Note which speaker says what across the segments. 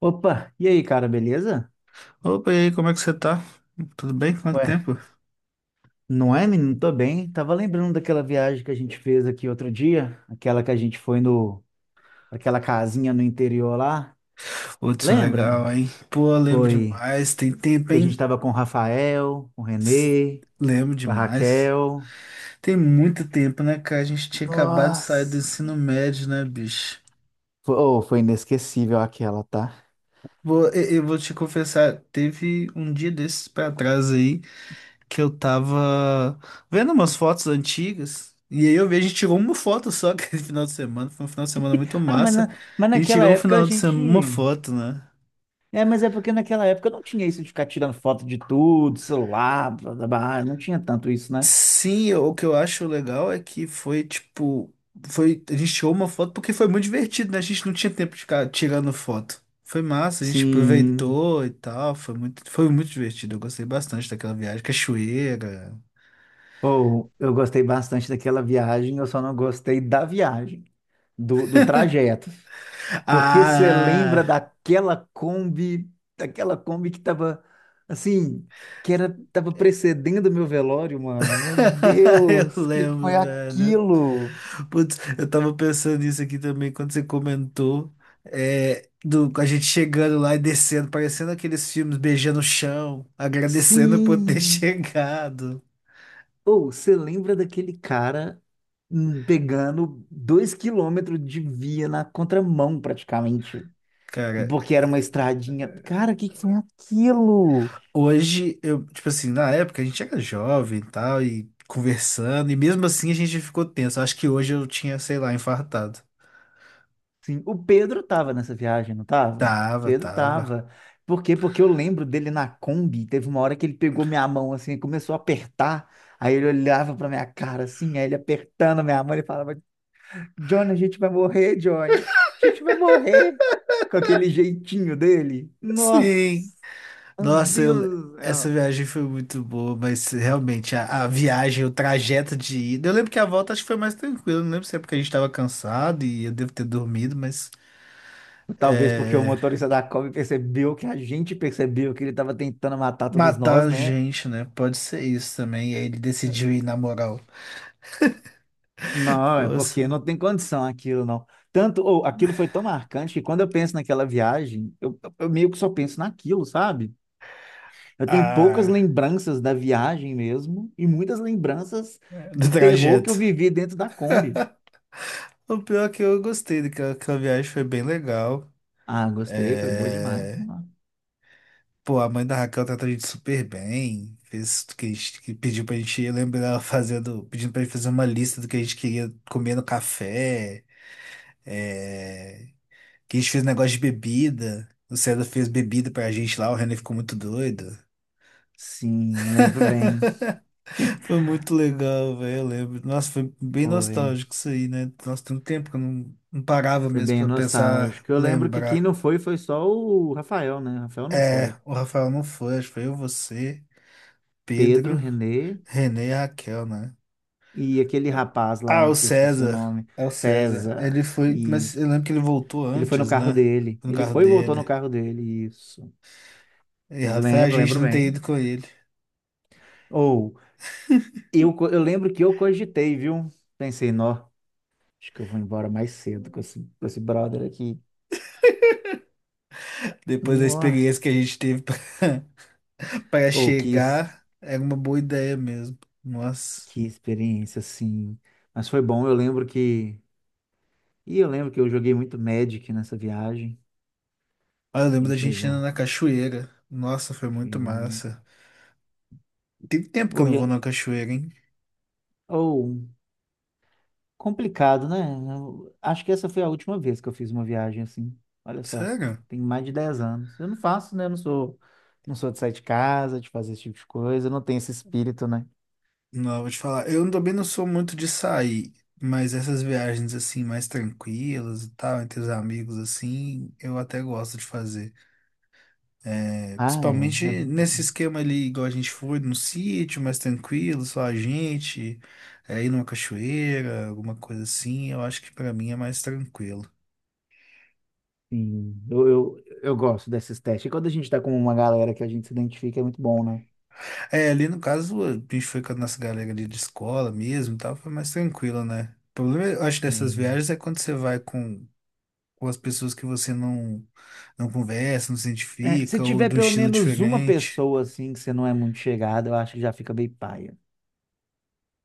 Speaker 1: Opa, e aí, cara, beleza?
Speaker 2: Opa, e aí, como é que você tá? Tudo bem? Quanto
Speaker 1: Ué,
Speaker 2: tempo?
Speaker 1: não é, menino? Tô bem. Tava lembrando daquela viagem que a gente fez aqui outro dia, aquela que a gente foi no, aquela casinha no interior lá.
Speaker 2: Putz, legal,
Speaker 1: Lembra?
Speaker 2: hein? Pô, eu lembro
Speaker 1: Foi
Speaker 2: demais. Tem tempo,
Speaker 1: que a
Speaker 2: hein?
Speaker 1: gente tava com o Rafael, com o Renê,
Speaker 2: Lembro
Speaker 1: com a
Speaker 2: demais.
Speaker 1: Raquel.
Speaker 2: Tem muito tempo, né, cara? A gente tinha acabado de sair do
Speaker 1: Nossa!
Speaker 2: ensino médio, né, bicho?
Speaker 1: Foi, oh, foi inesquecível aquela, tá?
Speaker 2: Eu vou te confessar, teve um dia desses pra trás aí que eu tava vendo umas fotos antigas. E aí eu vi, a gente tirou uma foto só aquele final de semana. Foi um final de semana muito
Speaker 1: Ah, mas,
Speaker 2: massa.
Speaker 1: na, mas
Speaker 2: A gente
Speaker 1: naquela
Speaker 2: tirou um
Speaker 1: época a
Speaker 2: final de
Speaker 1: gente.
Speaker 2: semana, uma foto, né?
Speaker 1: É, mas é porque naquela época não tinha isso de ficar tirando foto de tudo, celular, blá, blá, blá, não tinha tanto isso, né?
Speaker 2: Sim, o que eu acho legal é que foi tipo. Foi, a gente tirou uma foto porque foi muito divertido, né? A gente não tinha tempo de ficar tirando foto. Foi massa, a gente
Speaker 1: Sim.
Speaker 2: aproveitou e tal. Foi muito divertido. Eu gostei bastante daquela viagem. Cachoeira.
Speaker 1: Ou eu gostei bastante daquela viagem, eu só não gostei da viagem, do trajeto. Porque você lembra
Speaker 2: Ah!
Speaker 1: daquela Kombi que tava assim, que era, tava precedendo meu velório, mano. Meu
Speaker 2: Eu
Speaker 1: Deus, que foi
Speaker 2: lembro, velho.
Speaker 1: aquilo?
Speaker 2: Putz, eu tava pensando nisso aqui também quando você comentou. É, a gente chegando lá e descendo, parecendo aqueles filmes, beijando o chão, agradecendo por ter
Speaker 1: Sim!
Speaker 2: chegado.
Speaker 1: Ou você lembra daquele cara pegando 2 quilômetros de via na contramão, praticamente.
Speaker 2: Cara,
Speaker 1: Porque era uma estradinha. Cara, o que que foi aquilo?
Speaker 2: hoje eu, tipo assim, na época a gente era jovem e tal, e conversando, e mesmo assim a gente ficou tenso. Acho que hoje eu tinha, sei lá, infartado.
Speaker 1: Sim, o Pedro tava nessa viagem, não tava? O
Speaker 2: Tava,
Speaker 1: Pedro
Speaker 2: tava.
Speaker 1: tava. Por quê? Porque eu lembro dele na Kombi, teve uma hora que ele pegou minha mão assim, e começou a apertar. Aí ele olhava pra minha cara assim, aí ele apertando a minha mão, ele falava: Johnny, a gente vai morrer, Johnny. A gente vai morrer. Com aquele jeitinho dele.
Speaker 2: Sim.
Speaker 1: Nossa, meu
Speaker 2: Nossa,
Speaker 1: Deus do
Speaker 2: essa
Speaker 1: céu.
Speaker 2: viagem foi muito boa, mas realmente a viagem, o trajeto de ida. Eu lembro que a volta acho que foi mais tranquilo. Não lembro se é porque a gente tava cansado e eu devo ter dormido, mas
Speaker 1: Talvez porque o
Speaker 2: é,
Speaker 1: motorista da Kombi percebeu que a gente percebeu que ele estava tentando matar todos
Speaker 2: matar
Speaker 1: nós,
Speaker 2: a
Speaker 1: né.
Speaker 2: gente, né? Pode ser isso também. E aí ele decidiu ir na moral.
Speaker 1: Não, é porque
Speaker 2: Força.
Speaker 1: não tem condição aquilo, não. Tanto, ou aquilo foi tão marcante que quando eu penso naquela viagem, eu meio que só penso naquilo, sabe? Eu tenho poucas
Speaker 2: Ah.
Speaker 1: lembranças da viagem mesmo e muitas lembranças do
Speaker 2: Do
Speaker 1: terror que eu
Speaker 2: trajeto.
Speaker 1: vivi dentro da Kombi.
Speaker 2: O pior é que eu gostei daquela aquela viagem, foi bem legal.
Speaker 1: Ah, gostei, foi boa demais,
Speaker 2: É.
Speaker 1: não é?
Speaker 2: Pô, a mãe da Raquel tratou a gente super bem. Fez o que a gente que pediu pra gente ir. Eu lembro dela fazendo, pedindo pra gente fazer uma lista do que a gente queria comer no café. É. Que a gente fez negócio de bebida. O César fez bebida pra gente lá, o René ficou muito doido.
Speaker 1: Sim, lembro bem.
Speaker 2: Foi muito legal, velho. Eu lembro. Nossa, foi bem
Speaker 1: Foi,
Speaker 2: nostálgico isso aí, né? Nossa, tem um tempo que eu não parava
Speaker 1: foi
Speaker 2: mesmo
Speaker 1: bem
Speaker 2: pra pensar,
Speaker 1: nostálgico. Eu lembro que quem
Speaker 2: lembrar.
Speaker 1: não foi foi só o Rafael, né? Rafael não
Speaker 2: É,
Speaker 1: foi.
Speaker 2: o Rafael não foi, acho que foi eu, você,
Speaker 1: Pedro,
Speaker 2: Pedro,
Speaker 1: Renê.
Speaker 2: Renê e Raquel, né?
Speaker 1: E aquele rapaz
Speaker 2: Ah, o
Speaker 1: lá, que eu esqueci o
Speaker 2: César.
Speaker 1: nome,
Speaker 2: É o César.
Speaker 1: César,
Speaker 2: Ele foi, mas eu
Speaker 1: isso.
Speaker 2: lembro que ele voltou
Speaker 1: Ele foi no
Speaker 2: antes,
Speaker 1: carro
Speaker 2: né?
Speaker 1: dele.
Speaker 2: No
Speaker 1: Ele
Speaker 2: carro
Speaker 1: foi e voltou no
Speaker 2: dele.
Speaker 1: carro dele, isso. Mas
Speaker 2: Errado foi a
Speaker 1: lembro,
Speaker 2: gente
Speaker 1: lembro
Speaker 2: não ter
Speaker 1: bem.
Speaker 2: ido com ele.
Speaker 1: Ou, eu, eu lembro que eu cogitei, viu? Pensei, nó, acho que eu vou embora mais cedo com esse brother aqui.
Speaker 2: Depois da
Speaker 1: Nossa,
Speaker 2: experiência que a gente teve para pra
Speaker 1: ou que,
Speaker 2: chegar, era uma boa ideia mesmo. Nossa.
Speaker 1: que experiência, assim. Mas foi bom, eu lembro que... E eu lembro que eu joguei muito Magic nessa viagem.
Speaker 2: Ah, eu
Speaker 1: A
Speaker 2: lembro da
Speaker 1: gente
Speaker 2: gente indo
Speaker 1: levou...
Speaker 2: na cachoeira. Nossa, foi muito massa. Tem tempo que eu não vou na cachoeira, hein?
Speaker 1: Ou, complicado, né? Eu acho que essa foi a última vez que eu fiz uma viagem assim. Olha só,
Speaker 2: Sério?
Speaker 1: tem mais de 10 anos. Eu não faço, né? Eu não sou, não sou de sair de casa, de fazer esse tipo de coisa. Eu não tenho esse espírito, né?
Speaker 2: Não, vou te falar. Eu também não sou muito de sair, mas essas viagens assim, mais tranquilas e tal, entre os amigos, assim, eu até gosto de fazer. É,
Speaker 1: Ah, é. É,
Speaker 2: principalmente nesse esquema ali, igual a gente foi, num sítio mais tranquilo, só a gente, ir numa cachoeira, alguma coisa assim, eu acho que pra mim é mais tranquilo.
Speaker 1: sim. Eu gosto desses testes. E quando a gente tá com uma galera que a gente se identifica, é muito bom, né?
Speaker 2: É, ali no caso, a gente foi com a nossa galera ali de escola mesmo e tal, foi mais tranquilo, né? O problema, eu acho, dessas
Speaker 1: Sim.
Speaker 2: viagens é quando você vai com as pessoas que você não conversa, não se
Speaker 1: É, se
Speaker 2: identifica, ou
Speaker 1: tiver
Speaker 2: do
Speaker 1: pelo
Speaker 2: estilo
Speaker 1: menos uma
Speaker 2: diferente.
Speaker 1: pessoa assim que você não é muito chegada, eu acho que já fica bem paia.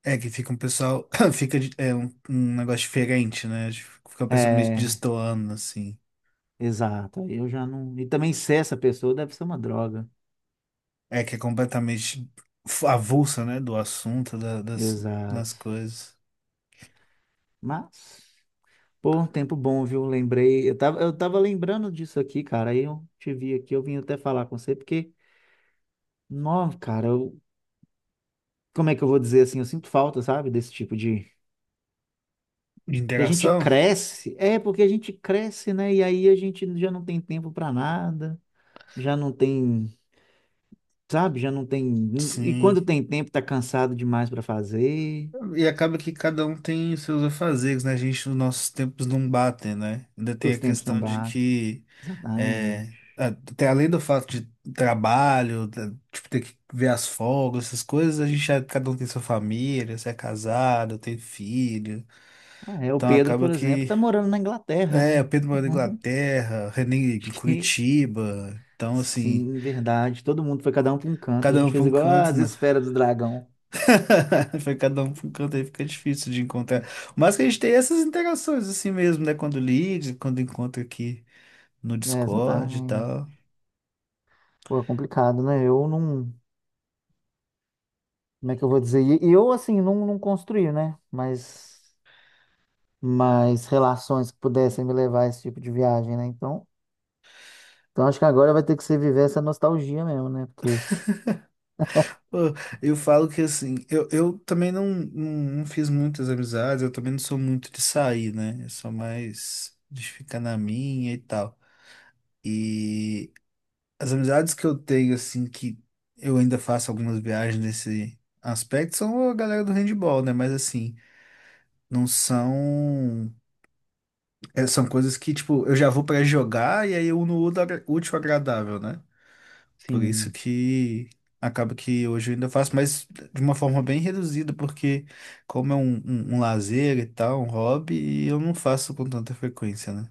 Speaker 2: É, que fica um pessoal, fica um negócio diferente, né? Fica uma pessoa meio
Speaker 1: É,
Speaker 2: destoando, assim.
Speaker 1: exato. Aí eu já não. E também ser essa pessoa deve ser uma droga.
Speaker 2: É, que é completamente avulsa, né, do assunto, das
Speaker 1: Exato.
Speaker 2: coisas.
Speaker 1: Mas, pô, um tempo bom, viu? Lembrei. Eu tava lembrando disso aqui, cara. Aí eu te vi aqui, eu vim até falar com você, porque, não, cara, eu, como é que eu vou dizer assim? Eu sinto falta, sabe? Desse tipo de.
Speaker 2: De
Speaker 1: Que a gente
Speaker 2: interação?
Speaker 1: cresce. É, porque a gente cresce, né? E aí a gente já não tem tempo pra nada, já não tem. Sabe? Já não tem. E
Speaker 2: Sim.
Speaker 1: quando tem tempo, tá cansado demais pra fazer.
Speaker 2: E acaba que cada um tem os seus afazeres, né? Os nossos tempos não batem, né? Ainda tem
Speaker 1: Os
Speaker 2: a
Speaker 1: tempos não
Speaker 2: questão de
Speaker 1: batem.
Speaker 2: que,
Speaker 1: Exatamente.
Speaker 2: até além do fato de trabalho, tipo, ter que ver as folgas, essas coisas, cada um tem sua família, você é casado, tem filho.
Speaker 1: Ah, é, o
Speaker 2: Então
Speaker 1: Pedro,
Speaker 2: acaba
Speaker 1: por exemplo,
Speaker 2: que,
Speaker 1: tá morando na Inglaterra, né?
Speaker 2: o Pedro mora na Inglaterra, o René em
Speaker 1: Acho que
Speaker 2: Curitiba. Então, assim,
Speaker 1: sim, verdade. Todo mundo foi cada um para um canto. A
Speaker 2: cada um
Speaker 1: gente
Speaker 2: para
Speaker 1: fez
Speaker 2: um
Speaker 1: igual
Speaker 2: canto,
Speaker 1: as
Speaker 2: né?
Speaker 1: esferas do dragão.
Speaker 2: Foi cada um para um canto aí, fica difícil de encontrar. Mas que a gente tem essas interações assim mesmo, né? Quando liga, quando encontra aqui no
Speaker 1: É,
Speaker 2: Discord e
Speaker 1: exatamente.
Speaker 2: tal.
Speaker 1: Pô, é complicado, né? Eu não. Como é que eu vou dizer? E eu, assim, não, não construí, né? Mas relações que pudessem me levar a esse tipo de viagem, né? Então, então acho que agora vai ter que ser viver essa nostalgia mesmo, né? Porque.
Speaker 2: Pô, eu falo que assim, eu também não fiz muitas amizades, eu também não sou muito de sair, né? Eu sou mais de ficar na minha e tal. E as amizades que eu tenho, assim, que eu ainda faço algumas viagens nesse aspecto, são a galera do handball, né? Mas assim, não são. É, são coisas que, tipo, eu já vou pra jogar e aí eu uno o útil útil ao agradável, né? Por isso
Speaker 1: Sim.
Speaker 2: que acaba que hoje eu ainda faço, mas de uma forma bem reduzida, porque como é um lazer e tal, um hobby, eu não faço com tanta frequência, né?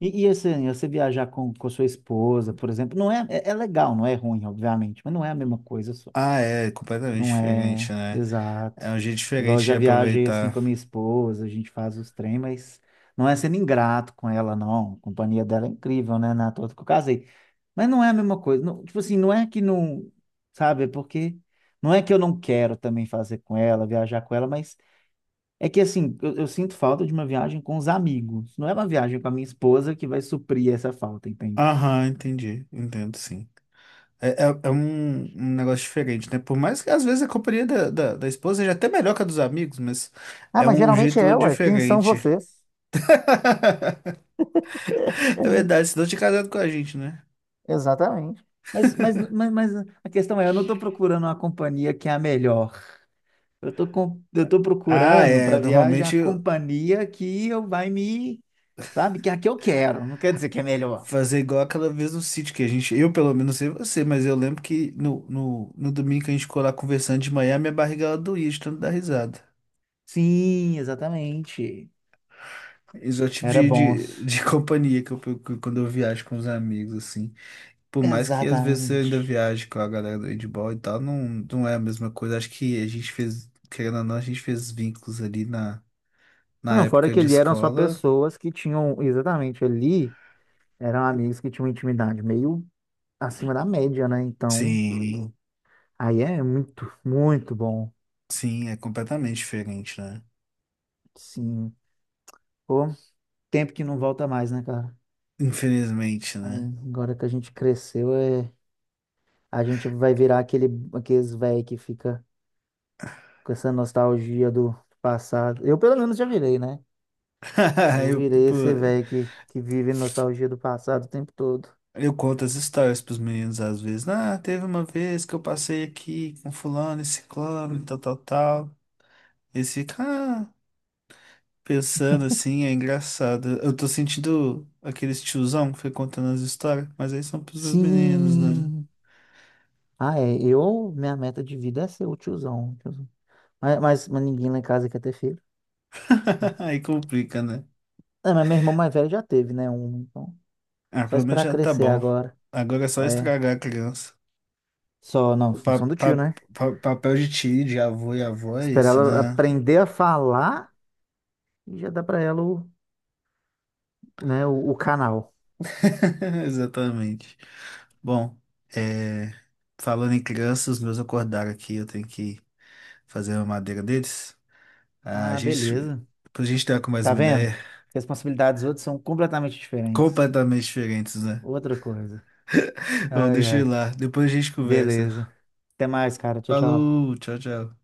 Speaker 1: E assim, você viajar com a sua esposa, por exemplo, não é, é legal, não é ruim, obviamente, mas não é a mesma coisa.
Speaker 2: Ah, é completamente
Speaker 1: Não
Speaker 2: diferente,
Speaker 1: é,
Speaker 2: né?
Speaker 1: exato.
Speaker 2: É um jeito
Speaker 1: Igual eu
Speaker 2: diferente de
Speaker 1: já viajei assim
Speaker 2: aproveitar.
Speaker 1: com a minha esposa, a gente faz os trem, mas não é sendo ingrato com ela, não. A companhia dela é incrível, né? Na toa que eu casei. Mas não é a mesma coisa. Não, tipo assim, não é que não, sabe? É porque não é que eu não quero também fazer com ela, viajar com ela, mas é que assim, eu sinto falta de uma viagem com os amigos. Não é uma viagem com a minha esposa que vai suprir essa falta, entende?
Speaker 2: Aham, entendi. Entendo, sim. É um negócio diferente, né? Por mais que às vezes a companhia da esposa seja até melhor que a dos amigos, mas
Speaker 1: Ah,
Speaker 2: é
Speaker 1: mas
Speaker 2: um
Speaker 1: geralmente
Speaker 2: jeito
Speaker 1: é, ué. Quem são
Speaker 2: diferente.
Speaker 1: vocês?
Speaker 2: É verdade, senão tinha casado com a gente, né?
Speaker 1: Exatamente. Mas a questão é, eu não estou procurando uma companhia que é a melhor. Eu estou com, eu estou
Speaker 2: Ah,
Speaker 1: procurando
Speaker 2: é.
Speaker 1: para viagem a
Speaker 2: Normalmente
Speaker 1: companhia que eu vai me, sabe, que é a que eu quero. Não quer dizer que é melhor.
Speaker 2: fazer igual aquela vez no sítio que a gente. Eu, pelo menos, não sei você, mas eu lembro que no domingo que a gente ficou lá conversando de manhã, minha barriga ela doía de tanto dar risada.
Speaker 1: Sim, exatamente.
Speaker 2: Isso é o tipo
Speaker 1: Era
Speaker 2: de,
Speaker 1: bons.
Speaker 2: de, de companhia que eu procuro quando eu viajo com os amigos, assim. Por mais que às vezes eu ainda
Speaker 1: Exatamente.
Speaker 2: viaje com a galera do handball e tal, não é a mesma coisa. Acho que a gente fez, querendo ou não, a gente fez vínculos ali na,
Speaker 1: Ah,
Speaker 2: na
Speaker 1: não, fora
Speaker 2: época
Speaker 1: que
Speaker 2: de
Speaker 1: ali eram só
Speaker 2: escola.
Speaker 1: pessoas que tinham, exatamente ali, eram amigos que tinham intimidade meio acima da média, né? Então,
Speaker 2: Sim,
Speaker 1: aí é muito, muito bom.
Speaker 2: sim, é completamente diferente, né?
Speaker 1: Sim. Pô, tempo que não volta mais, né, cara?
Speaker 2: Infelizmente,
Speaker 1: Aí,
Speaker 2: né?
Speaker 1: agora que a gente cresceu, é... a gente vai virar aquele, aqueles velho que fica com essa nostalgia do passado. Eu, pelo menos, já virei, né? Eu virei
Speaker 2: Pô,
Speaker 1: esse velho que vive nostalgia do passado o tempo todo.
Speaker 2: eu conto as histórias pros meninos às vezes. Ah, teve uma vez que eu passei aqui com fulano e ciclano, e tal, tal, tal. Eles ficam, pensando assim, é engraçado. Eu tô sentindo aqueles tiozão que foi contando as histórias, mas aí são pros meus meninos, né?
Speaker 1: Sim! Ah, é. Eu, minha meta de vida é ser o tiozão. O tiozão. Mas ninguém lá em casa quer ter filho.
Speaker 2: Aí complica, né?
Speaker 1: É, mas meu irmão mais velho já teve, né? Um, então.
Speaker 2: Ah,
Speaker 1: Só
Speaker 2: pelo menos
Speaker 1: esperar
Speaker 2: já tá
Speaker 1: crescer
Speaker 2: bom.
Speaker 1: agora.
Speaker 2: Agora é só
Speaker 1: É.
Speaker 2: estragar a criança.
Speaker 1: Só, não,
Speaker 2: O pa-
Speaker 1: função do tio,
Speaker 2: pa-
Speaker 1: né?
Speaker 2: pa- papel de tio, de avô e avó é
Speaker 1: Esperar
Speaker 2: esse,
Speaker 1: ela
Speaker 2: né?
Speaker 1: aprender a falar e já dá para ela o, né, o canal.
Speaker 2: Exatamente. Bom, é, falando em crianças, os meus acordaram aqui, eu tenho que fazer a madeira deles. A
Speaker 1: Ah,
Speaker 2: gente,
Speaker 1: beleza.
Speaker 2: Pra gente estar com mais
Speaker 1: Tá
Speaker 2: uma
Speaker 1: vendo?
Speaker 2: ideia,
Speaker 1: Responsabilidades dos outros são completamente diferentes.
Speaker 2: completamente diferentes, né?
Speaker 1: Outra coisa.
Speaker 2: Bom,
Speaker 1: Ai,
Speaker 2: deixa eu ir
Speaker 1: ai.
Speaker 2: lá, depois a gente conversa.
Speaker 1: Beleza. Até mais, cara. Tchau, tchau.
Speaker 2: Falou, tchau, tchau.